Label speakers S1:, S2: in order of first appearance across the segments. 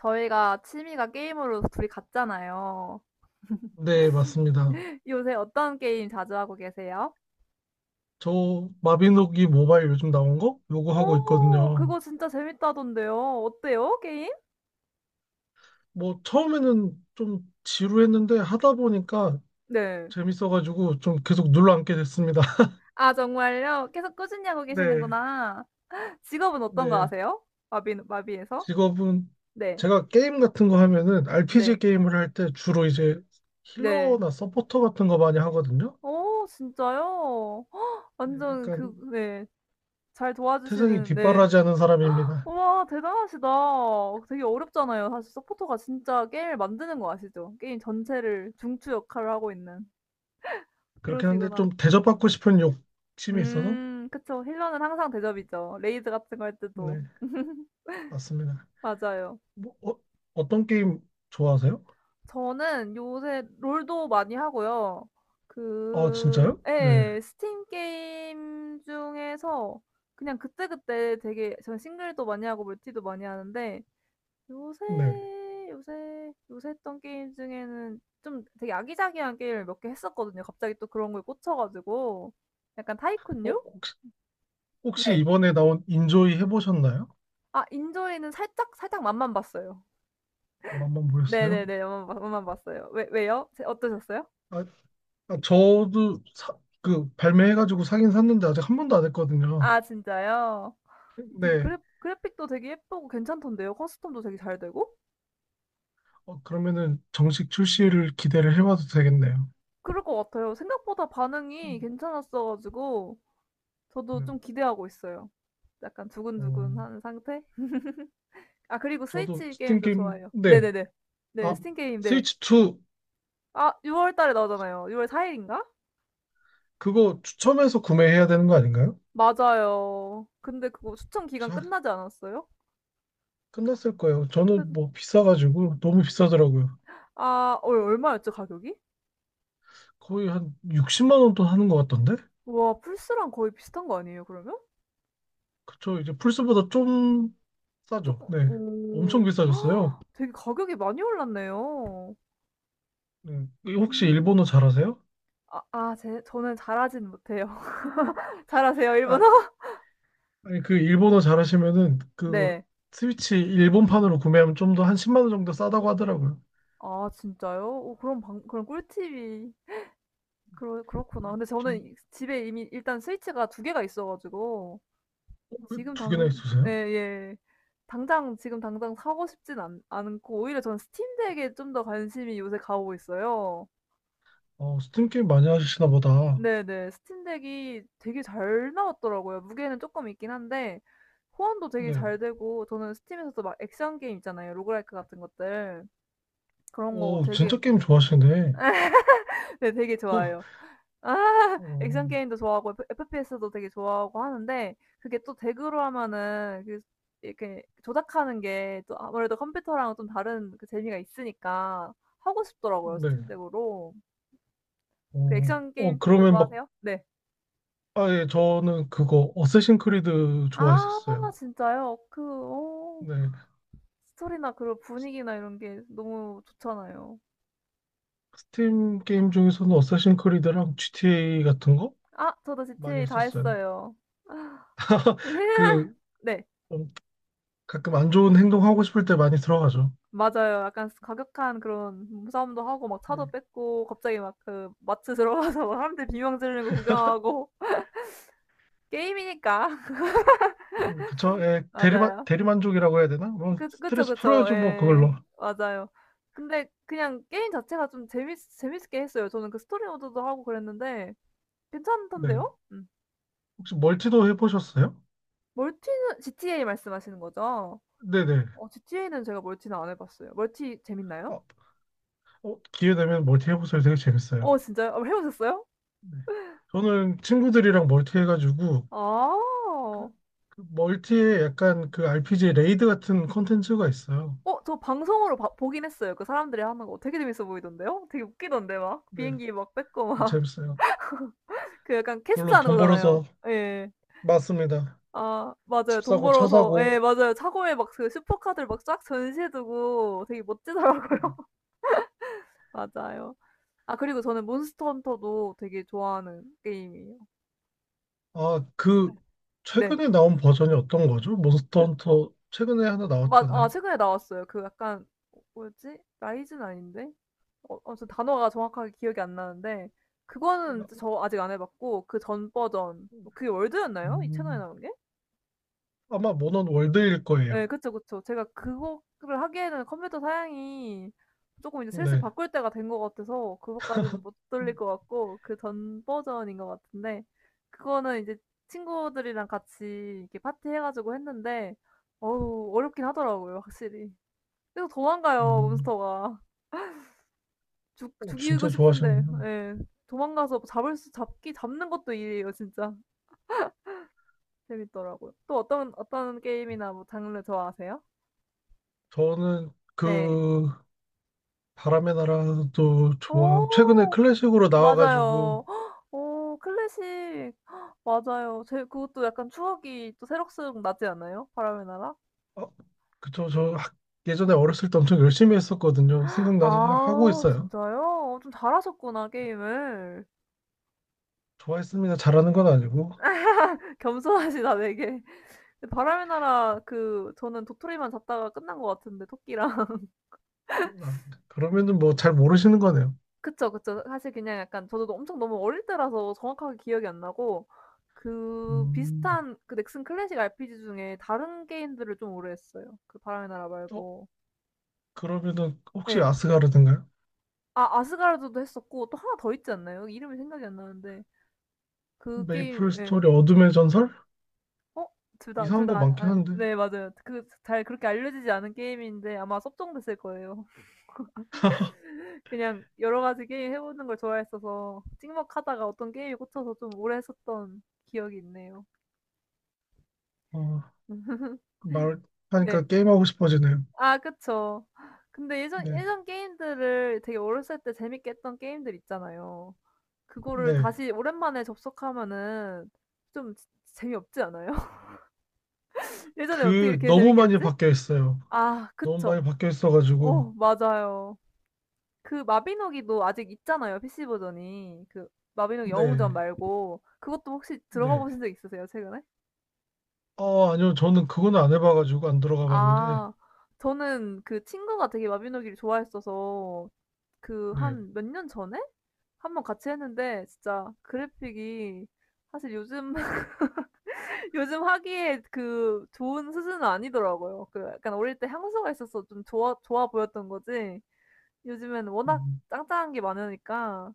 S1: 저희가 취미가 게임으로 둘이 같잖아요.
S2: 네, 맞습니다.
S1: 요새 어떤 게임 자주 하고 계세요?
S2: 저 마비노기 모바일 요즘 나온 거? 요거 하고
S1: 오,
S2: 있거든요.
S1: 그거 진짜 재밌다던데요. 어때요, 게임?
S2: 뭐 처음에는 좀 지루했는데 하다 보니까
S1: 네.
S2: 재밌어가지고 좀 계속 눌러앉게 됐습니다.
S1: 아, 정말요? 계속 꾸준히 하고
S2: 네,
S1: 계시는구나. 직업은 어떤 거
S2: 네.
S1: 아세요? 마비에서?
S2: 직업은
S1: 네.
S2: 제가 게임 같은 거 하면은 RPG
S1: 네.
S2: 게임을 할 때 주로 이제
S1: 네.
S2: 힐러나 서포터 같은 거 많이 하거든요.
S1: 오, 진짜요?
S2: 네,
S1: 완전
S2: 약간
S1: 그, 네. 잘
S2: 태생이
S1: 도와주시는, 네.
S2: 뒷바라지하는 사람입니다.
S1: 우와 대단하시다. 되게 어렵잖아요. 사실 서포터가 진짜 게임을 만드는 거 아시죠? 게임 전체를 중추 역할을 하고 있는.
S2: 그렇긴 한데
S1: 그러시구나.
S2: 좀 대접받고 싶은 욕심이 있어서
S1: 그쵸. 힐러는 항상 대접이죠. 레이드 같은 거 할 때도.
S2: 네, 맞습니다.
S1: 맞아요.
S2: 뭐, 어떤 게임 좋아하세요?
S1: 저는 요새 롤도 많이 하고요.
S2: 아,
S1: 그,
S2: 진짜요? 네.
S1: 예, 스팀 게임 중에서 그냥 그때그때 되게, 전 싱글도 많이 하고 멀티도 많이 하는데, 요새,
S2: 네.
S1: 요새 했던 게임 중에는 좀 되게 아기자기한 게임을 몇 개 했었거든요. 갑자기 또 그런 거에 꽂혀가지고. 약간
S2: 어,
S1: 타이쿤류?
S2: 혹시
S1: 네.
S2: 이번에 나온 인조이 해보셨나요?
S1: 아, 인조이는 살짝 맛만 봤어요.
S2: 아마 한번 보셨어요?
S1: 네네네, 맛만 봤어요. 왜요? 어떠셨어요?
S2: 아, 아, 저도 사, 그 발매해가지고 사긴 샀는데 아직 한 번도 안 했거든요.
S1: 아, 진짜요? 아무튼
S2: 네.
S1: 그래픽도 되게 예쁘고 괜찮던데요. 커스텀도 되게 잘 되고?
S2: 어, 그러면은 정식 출시를 기대를 해봐도 되겠네요.
S1: 그럴 것 같아요. 생각보다 반응이 괜찮았어가지고, 저도
S2: 네.
S1: 좀 기대하고 있어요. 약간
S2: 어,
S1: 두근두근한 상태? 아, 그리고
S2: 저도
S1: 스위치
S2: 스팀
S1: 게임도
S2: 게임,
S1: 좋아해요.
S2: 네.
S1: 네네네. 네.
S2: 아,
S1: 스팀 게임, 네.
S2: 스위치 2.
S1: 아, 6월 달에 나오잖아요. 6월 4일 일인가?
S2: 그거 추첨해서 구매해야 되는 거 아닌가요?
S1: 맞아요. 근데 그거 추천 기간 끝나지 않았어요?
S2: 끝났을 거예요. 저는
S1: 그
S2: 뭐 비싸가지고 너무 비싸더라고요.
S1: 아얼 얼마였죠, 가격이?
S2: 거의 한 60만 원 돈 하는 것 같던데?
S1: 와, 플스랑 거의 비슷한 거 아니에요, 그러면?
S2: 그쵸. 이제 플스보다 좀 싸죠.
S1: 조금.
S2: 네. 엄청
S1: 오.
S2: 비싸졌어요.
S1: 헉, 되게 가격이 많이 올랐네요.
S2: 네. 혹시
S1: 음.
S2: 일본어 잘하세요?
S1: 아 아 제 저는 잘하진 못해요. 잘하세요,
S2: 아,
S1: 일본어?
S2: 아니 그 일본어 잘하시면은 그
S1: 네.
S2: 스위치 일본판으로 구매하면 좀 더 한 10만 원 정도 싸다고 하더라고요.
S1: 아, 진짜요? 오, 그럼 꿀팁이 그러 그렇구나. 근데 저는 이
S2: 전
S1: 집에 이미 일단 스위치가 2 개가 있어 가지고 지금
S2: 두 개나
S1: 당
S2: 있으세요?
S1: 예예. 당장 지금 당장 사고 싶진 않 않고 오히려 저는 스팀덱에 좀 더 관심이 요새 가고 있어요.
S2: 어, 스팀 게임 많이 하시나 보다.
S1: 네네. 스팀덱이 되게 잘 나왔더라고요. 무게는 조금 있긴 한데 호환도 되게
S2: 네.
S1: 잘 되고 저는 스팀에서도 막 액션 게임 있잖아요. 로그라이크 같은 것들. 그런 거
S2: 오,
S1: 되게
S2: 진짜 게임 좋아하시네.
S1: 네, 되게
S2: 어,
S1: 좋아해요. 아,
S2: 어,
S1: 액션 게임도 좋아하고 FPS 도 되게 좋아하고 하는데, 그게 또 덱으로 하면은 그 이렇게 조작하는 게 또 아무래도 컴퓨터랑 좀 다른 그 재미가 있으니까 하고 싶더라고요,
S2: 네.
S1: 스팀 덱으로. 그
S2: 어,
S1: 액션 게임 쪽도
S2: 그러면 막
S1: 좋아하세요? 네.
S2: 아, 예, 저는 그거 어쌔신 크리드
S1: 아,
S2: 좋아했었어요.
S1: 진짜요? 그
S2: 네.
S1: 스토리나 그런
S2: 스-
S1: 분위기나 이런 게 너무 좋잖아요.
S2: 스팀 게임 중에서는 어쌔신 크리드랑 GTA 같은 거
S1: 아, 저도
S2: 많이
S1: GTA 다
S2: 했었어요.
S1: 했어요.
S2: 그
S1: 네.
S2: 음, 가끔 안 좋은 행동 하고 싶을 때 많이 들어가죠.
S1: 맞아요. 약간 과격한 그런 몸싸움도 하고 막
S2: 네.
S1: 차도 뺏고 갑자기 막 그 마트 들어가서 막 사람들 비명 지르는 거 구경하고 게임이니까.
S2: 그쵸? 예,
S1: 맞아요.
S2: 대리만족이라고 해야 되나? 뭐
S1: 그쵸,
S2: 스트레스
S1: 그쵸.
S2: 풀어야죠, 뭐
S1: 예.
S2: 그걸로.
S1: 맞아요. 근데 그냥 게임 자체가 좀 재밌게 했어요. 저는 그 스토리 모드도 하고 그랬는데
S2: 네.
S1: 괜찮던데요? 음.
S2: 혹시 멀티도 해보셨어요?
S1: 멀티는 GTA 말씀하시는 거죠?
S2: 네네.
S1: GTA는 제가 멀티는 안 해 봤어요. 멀티 재밌나요?
S2: 어, 기회 되면 멀티 해보세요. 되게 재밌어요.
S1: 진짜요? 해 보셨어요?
S2: 네. 저는 친구들이랑 멀티 해가지고
S1: 아.
S2: 그 멀티에 약간 그 RPG 레이드 같은 콘텐츠가 있어요.
S1: 저 방송으로 봐 보긴 했어요. 그 사람들이 하는 거 되게 재밌어 보이던데요? 되게 웃기던데, 막
S2: 네,
S1: 비행기 막 뺏고
S2: 그
S1: 막
S2: 재밌어요.
S1: 그 약간 캐스트
S2: 그걸로
S1: 하는
S2: 돈
S1: 거잖아요.
S2: 벌어서
S1: 예.
S2: 맞습니다.
S1: 아, 맞아요.
S2: 집
S1: 돈
S2: 사고 차
S1: 벌어서, 예,
S2: 사고.
S1: 맞아요. 차고에 막 그 슈퍼카들 막 쫙 전시해 두고 되게 멋지더라고요. 맞아요. 아, 그리고 저는 몬스터 헌터도 되게 좋아하는 게임이에요.
S2: 아, 그
S1: 네.
S2: 최근에 나온 버전이 어떤 거죠? 몬스터
S1: 그
S2: 헌터 최근에 하나
S1: 맞 아,
S2: 나왔잖아요.
S1: 최근에 나왔어요. 그 약간 뭐였지? 라이즈는 아닌데? 저 단어가 정확하게 기억이 안 나는데 그거는 저 아직 안 해봤고, 그 전 버전 뭐 그게 월드였나요? 이 채널에
S2: 음,
S1: 나온 게?
S2: 아마 모넌 월드일 거예요.
S1: 네, 그쵸, 그쵸. 제가 그거를 하기에는 컴퓨터 사양이 조금 이제 슬슬
S2: 네.
S1: 바꿀 때가 된 것 같아서 그거까지는 못 돌릴 것 같고, 그 전 버전인 것 같은데, 그거는 이제 친구들이랑 같이 이렇게 파티 해가지고 했는데 어우, 어렵긴 하더라고요, 확실히. 그래서 도망가요,
S2: 음,
S1: 몬스터가. 죽
S2: 어,
S1: 죽이고
S2: 진짜
S1: 싶은데,
S2: 좋아하시는구나.
S1: 예. 도망가서 잡을 수 잡기 잡는 것도 일이에요, 진짜. 재밌더라고요. 또 어떤 게임이나 뭐 장르 좋아하세요?
S2: 저는
S1: 네.
S2: 그 바람의 나라도 좋아. 최근에
S1: 오,
S2: 클래식으로 나와가지고
S1: 맞아요. 헉, 오, 클래식. 헉, 맞아요. 제 그것도 약간 추억이 또 새록새록 나지 않아요? 바람의 나라?
S2: 어, 그쵸. 저 예전에 어렸을 때 엄청 열심히 했었거든요. 생각나서 하고
S1: 아,
S2: 있어요.
S1: 진짜요? 좀 잘하셨구나, 게임을.
S2: 좋아했습니다. 잘하는 건 아니고.
S1: 겸손하시다, 되게. 바람의 나라, 그 저는 도토리만 잡다가 끝난 것 같은데, 토끼랑.
S2: 아, 그러면은 뭐 잘 모르시는 거네요.
S1: 그쵸, 그쵸. 사실 그냥 약간 저도 엄청 너무 어릴 때라서 정확하게 기억이 안 나고, 그
S2: 음,
S1: 비슷한 그 넥슨 클래식 RPG 중에 다른 게임들을 좀 오래 했어요. 그 바람의 나라
S2: 어,
S1: 말고.
S2: 그러면은 혹시
S1: 네,
S2: 아스가르드인가요?
S1: 아, 아스가르드도 했었고 또 하나 더 있지 않나요? 이름이 생각이 안 나는데, 그 게임,
S2: 메이플
S1: 예.
S2: 스토리 어둠의 전설?
S1: 어? 둘 다 둘
S2: 이상한 거
S1: 다
S2: 많긴
S1: 아,
S2: 한데.
S1: 네, 맞아요. 그 잘 그렇게 알려지지 않은 게임인데, 아마 섭정됐을 거예요. 그냥 여러 가지 게임 해 보는 걸 좋아했어서 찍먹하다가 어떤 게임에 꽂혀서 좀 오래 했었던 기억이 있네요.
S2: 어,
S1: 네.
S2: 말하니까 게임하고 싶어지네요.
S1: 아, 그쵸. 근데 예전
S2: 네.
S1: 예전 게임들을 되게 어렸을 때 재밌게 했던 게임들 있잖아요. 그거를
S2: 네.
S1: 다시 오랜만에 접속하면은 좀 지 재미없지 않아요? 예전에 어떻게
S2: 그
S1: 이렇게
S2: 너무
S1: 재밌게
S2: 많이
S1: 했지?
S2: 바뀌어 있어요.
S1: 아,
S2: 너무
S1: 그쵸.
S2: 많이 바뀌어 있어가지고.
S1: 맞아요. 그 마비노기도 아직 있잖아요, PC 버전이. 그, 마비노기 영웅전
S2: 네.
S1: 말고 그것도 혹시 들어가
S2: 네.
S1: 보신 적 있으세요, 최근에?
S2: 어, 아니요. 저는 그건 안 해봐가지고 안 들어가 봤는데.
S1: 아, 저는 그 친구가 되게 마비노기를 좋아했어서 그
S2: 네.
S1: 한 몇 년 전에 한 번 같이 했는데, 진짜 그래픽이 사실 요즘 요즘 하기에 그 좋은 수준은 아니더라고요. 그 약간 어릴 때 향수가 있어서 좀 좋아 보였던 거지. 요즘엔 워낙
S2: 음,
S1: 짱짱한 게 많으니까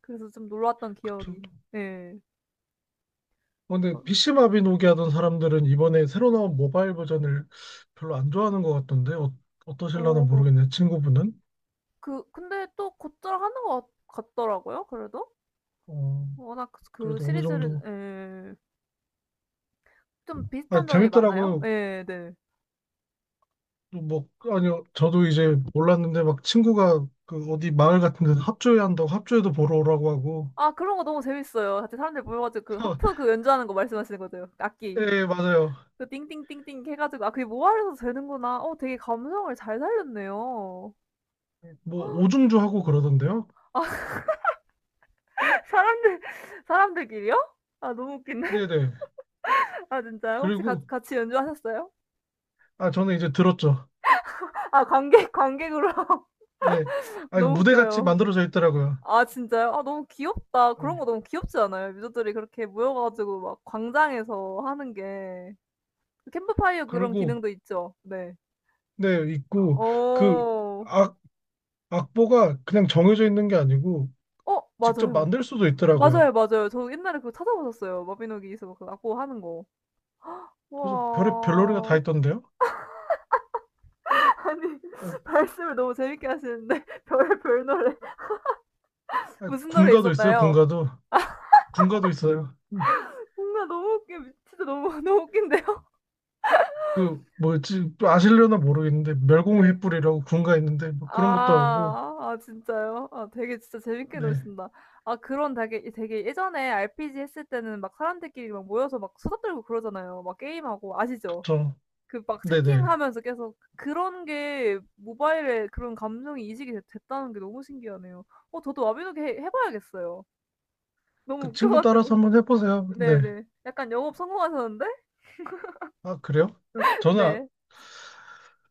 S1: 그래서 좀 놀랐던
S2: 그쵸.
S1: 기억이. 예.
S2: 어, 근데
S1: 그-
S2: PC 마비노기 하던 사람들은 이번에 새로 나온 모바일 버전을 별로 안 좋아하는 것 같던데 어, 어떠실라나
S1: 어,
S2: 모르겠네. 친구분은
S1: 그 근데 또 곧잘 하는 것 같, 더라고요, 그래도.
S2: 어,
S1: 워낙 그
S2: 그래도 어느
S1: 시리즈를,
S2: 정도
S1: 예. 좀
S2: 아
S1: 비슷한 점이 많아요.
S2: 재밌더라고요.
S1: 예, 네.
S2: 뭐 아니요 저도 이제 몰랐는데 막 친구가 그 어디 마을 같은 데서 합주회 한다고 합주회도 보러 오라고 하고
S1: 아, 그런 거 너무 재밌어요. 같이 사람들 모여 가지고 그 하프, 그 연주하는 거 말씀하시는 거죠? 악기.
S2: 예 맞아요.
S1: 그 띵띵띵띵 해 가지고, 아, 그게 모아서 되는구나. 되게 감성을 잘 살렸네요.
S2: 뭐 오중주 하고 그러던데요.
S1: 아, 사람들 사람들끼리요? 아, 너무 웃기네.
S2: 네네.
S1: 아, 진짜요? 혹시
S2: 그리고
S1: 같 같이 연주하셨어요?
S2: 아 저는 이제 들었죠.
S1: 아, 관객으로
S2: 예. 아 이거
S1: 너무
S2: 무대 같이
S1: 웃겨요.
S2: 만들어져 있더라고요.
S1: 아, 진짜요? 아, 너무 귀엽다. 그런
S2: 예.
S1: 거 너무 귀엽지 않아요? 유저들이 그렇게 모여 가지고 막 광장에서 하는 게. 그 캠프파이어 그런
S2: 그리고
S1: 기능도 있죠. 네.
S2: 네, 있고 그
S1: 어.
S2: 악, 악보가 그냥 정해져 있는 게 아니고 직접
S1: 맞아요.
S2: 만들 수도 있더라고요.
S1: 맞아요, 맞아요. 저 옛날에 그거 찾아보셨어요, 마비노기에서 그고 하는 거.
S2: 그래서 별의 별놀이가 다
S1: 와.
S2: 있던데요.
S1: 아니,
S2: 아,
S1: 말씀을 너무 재밌게 하시는데 별별 노래 무슨 노래
S2: 군가도 있어요.
S1: 있었나요?
S2: 군가도 있어요. 네,
S1: 뭔가 너무 웃겨. 진짜 너무 너무 웃긴데요?
S2: 그 뭐지 또 아실려나 모르겠는데 멸공의
S1: 네.
S2: 횃불이라고 군가 있는데 뭐 그런 것도 하고
S1: 아, 진짜요? 아, 되게 진짜 재밌게
S2: 네,
S1: 노신다. 아, 그런 되게 되게 예전에 RPG 했을 때는 막 사람들끼리 막 모여서 막 수다 떨고 그러잖아요. 막 게임하고, 아시죠?
S2: 그쵸.
S1: 그 막
S2: 네네.
S1: 채팅하면서 계속 그런 게 모바일에 그런 감정이 이식이 됐 됐다는 게 너무 신기하네요. 저도 와비노기 해 봐야겠어요. 너무
S2: 그
S1: 웃겨
S2: 친구 따라서
S1: 가지고.
S2: 한번 해보세요. 네.
S1: 네네. 약간 영업 성공하셨는데?
S2: 아 그래요? 저는 아-
S1: 네.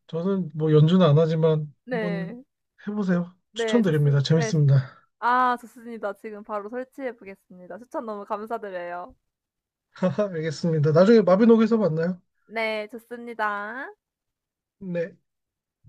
S2: 저는 뭐 연주는 안 하지만 한번
S1: 네.
S2: 해보세요.
S1: 네.
S2: 추천드립니다.
S1: 좋습 네.
S2: 재밌습니다.
S1: 아, 좋습니다. 지금 바로 설치해 보겠습니다. 추천 너무 감사드려요.
S2: 알겠습니다. 나중에 마비노기에서 만나요.
S1: 네. 좋습니다.
S2: 네.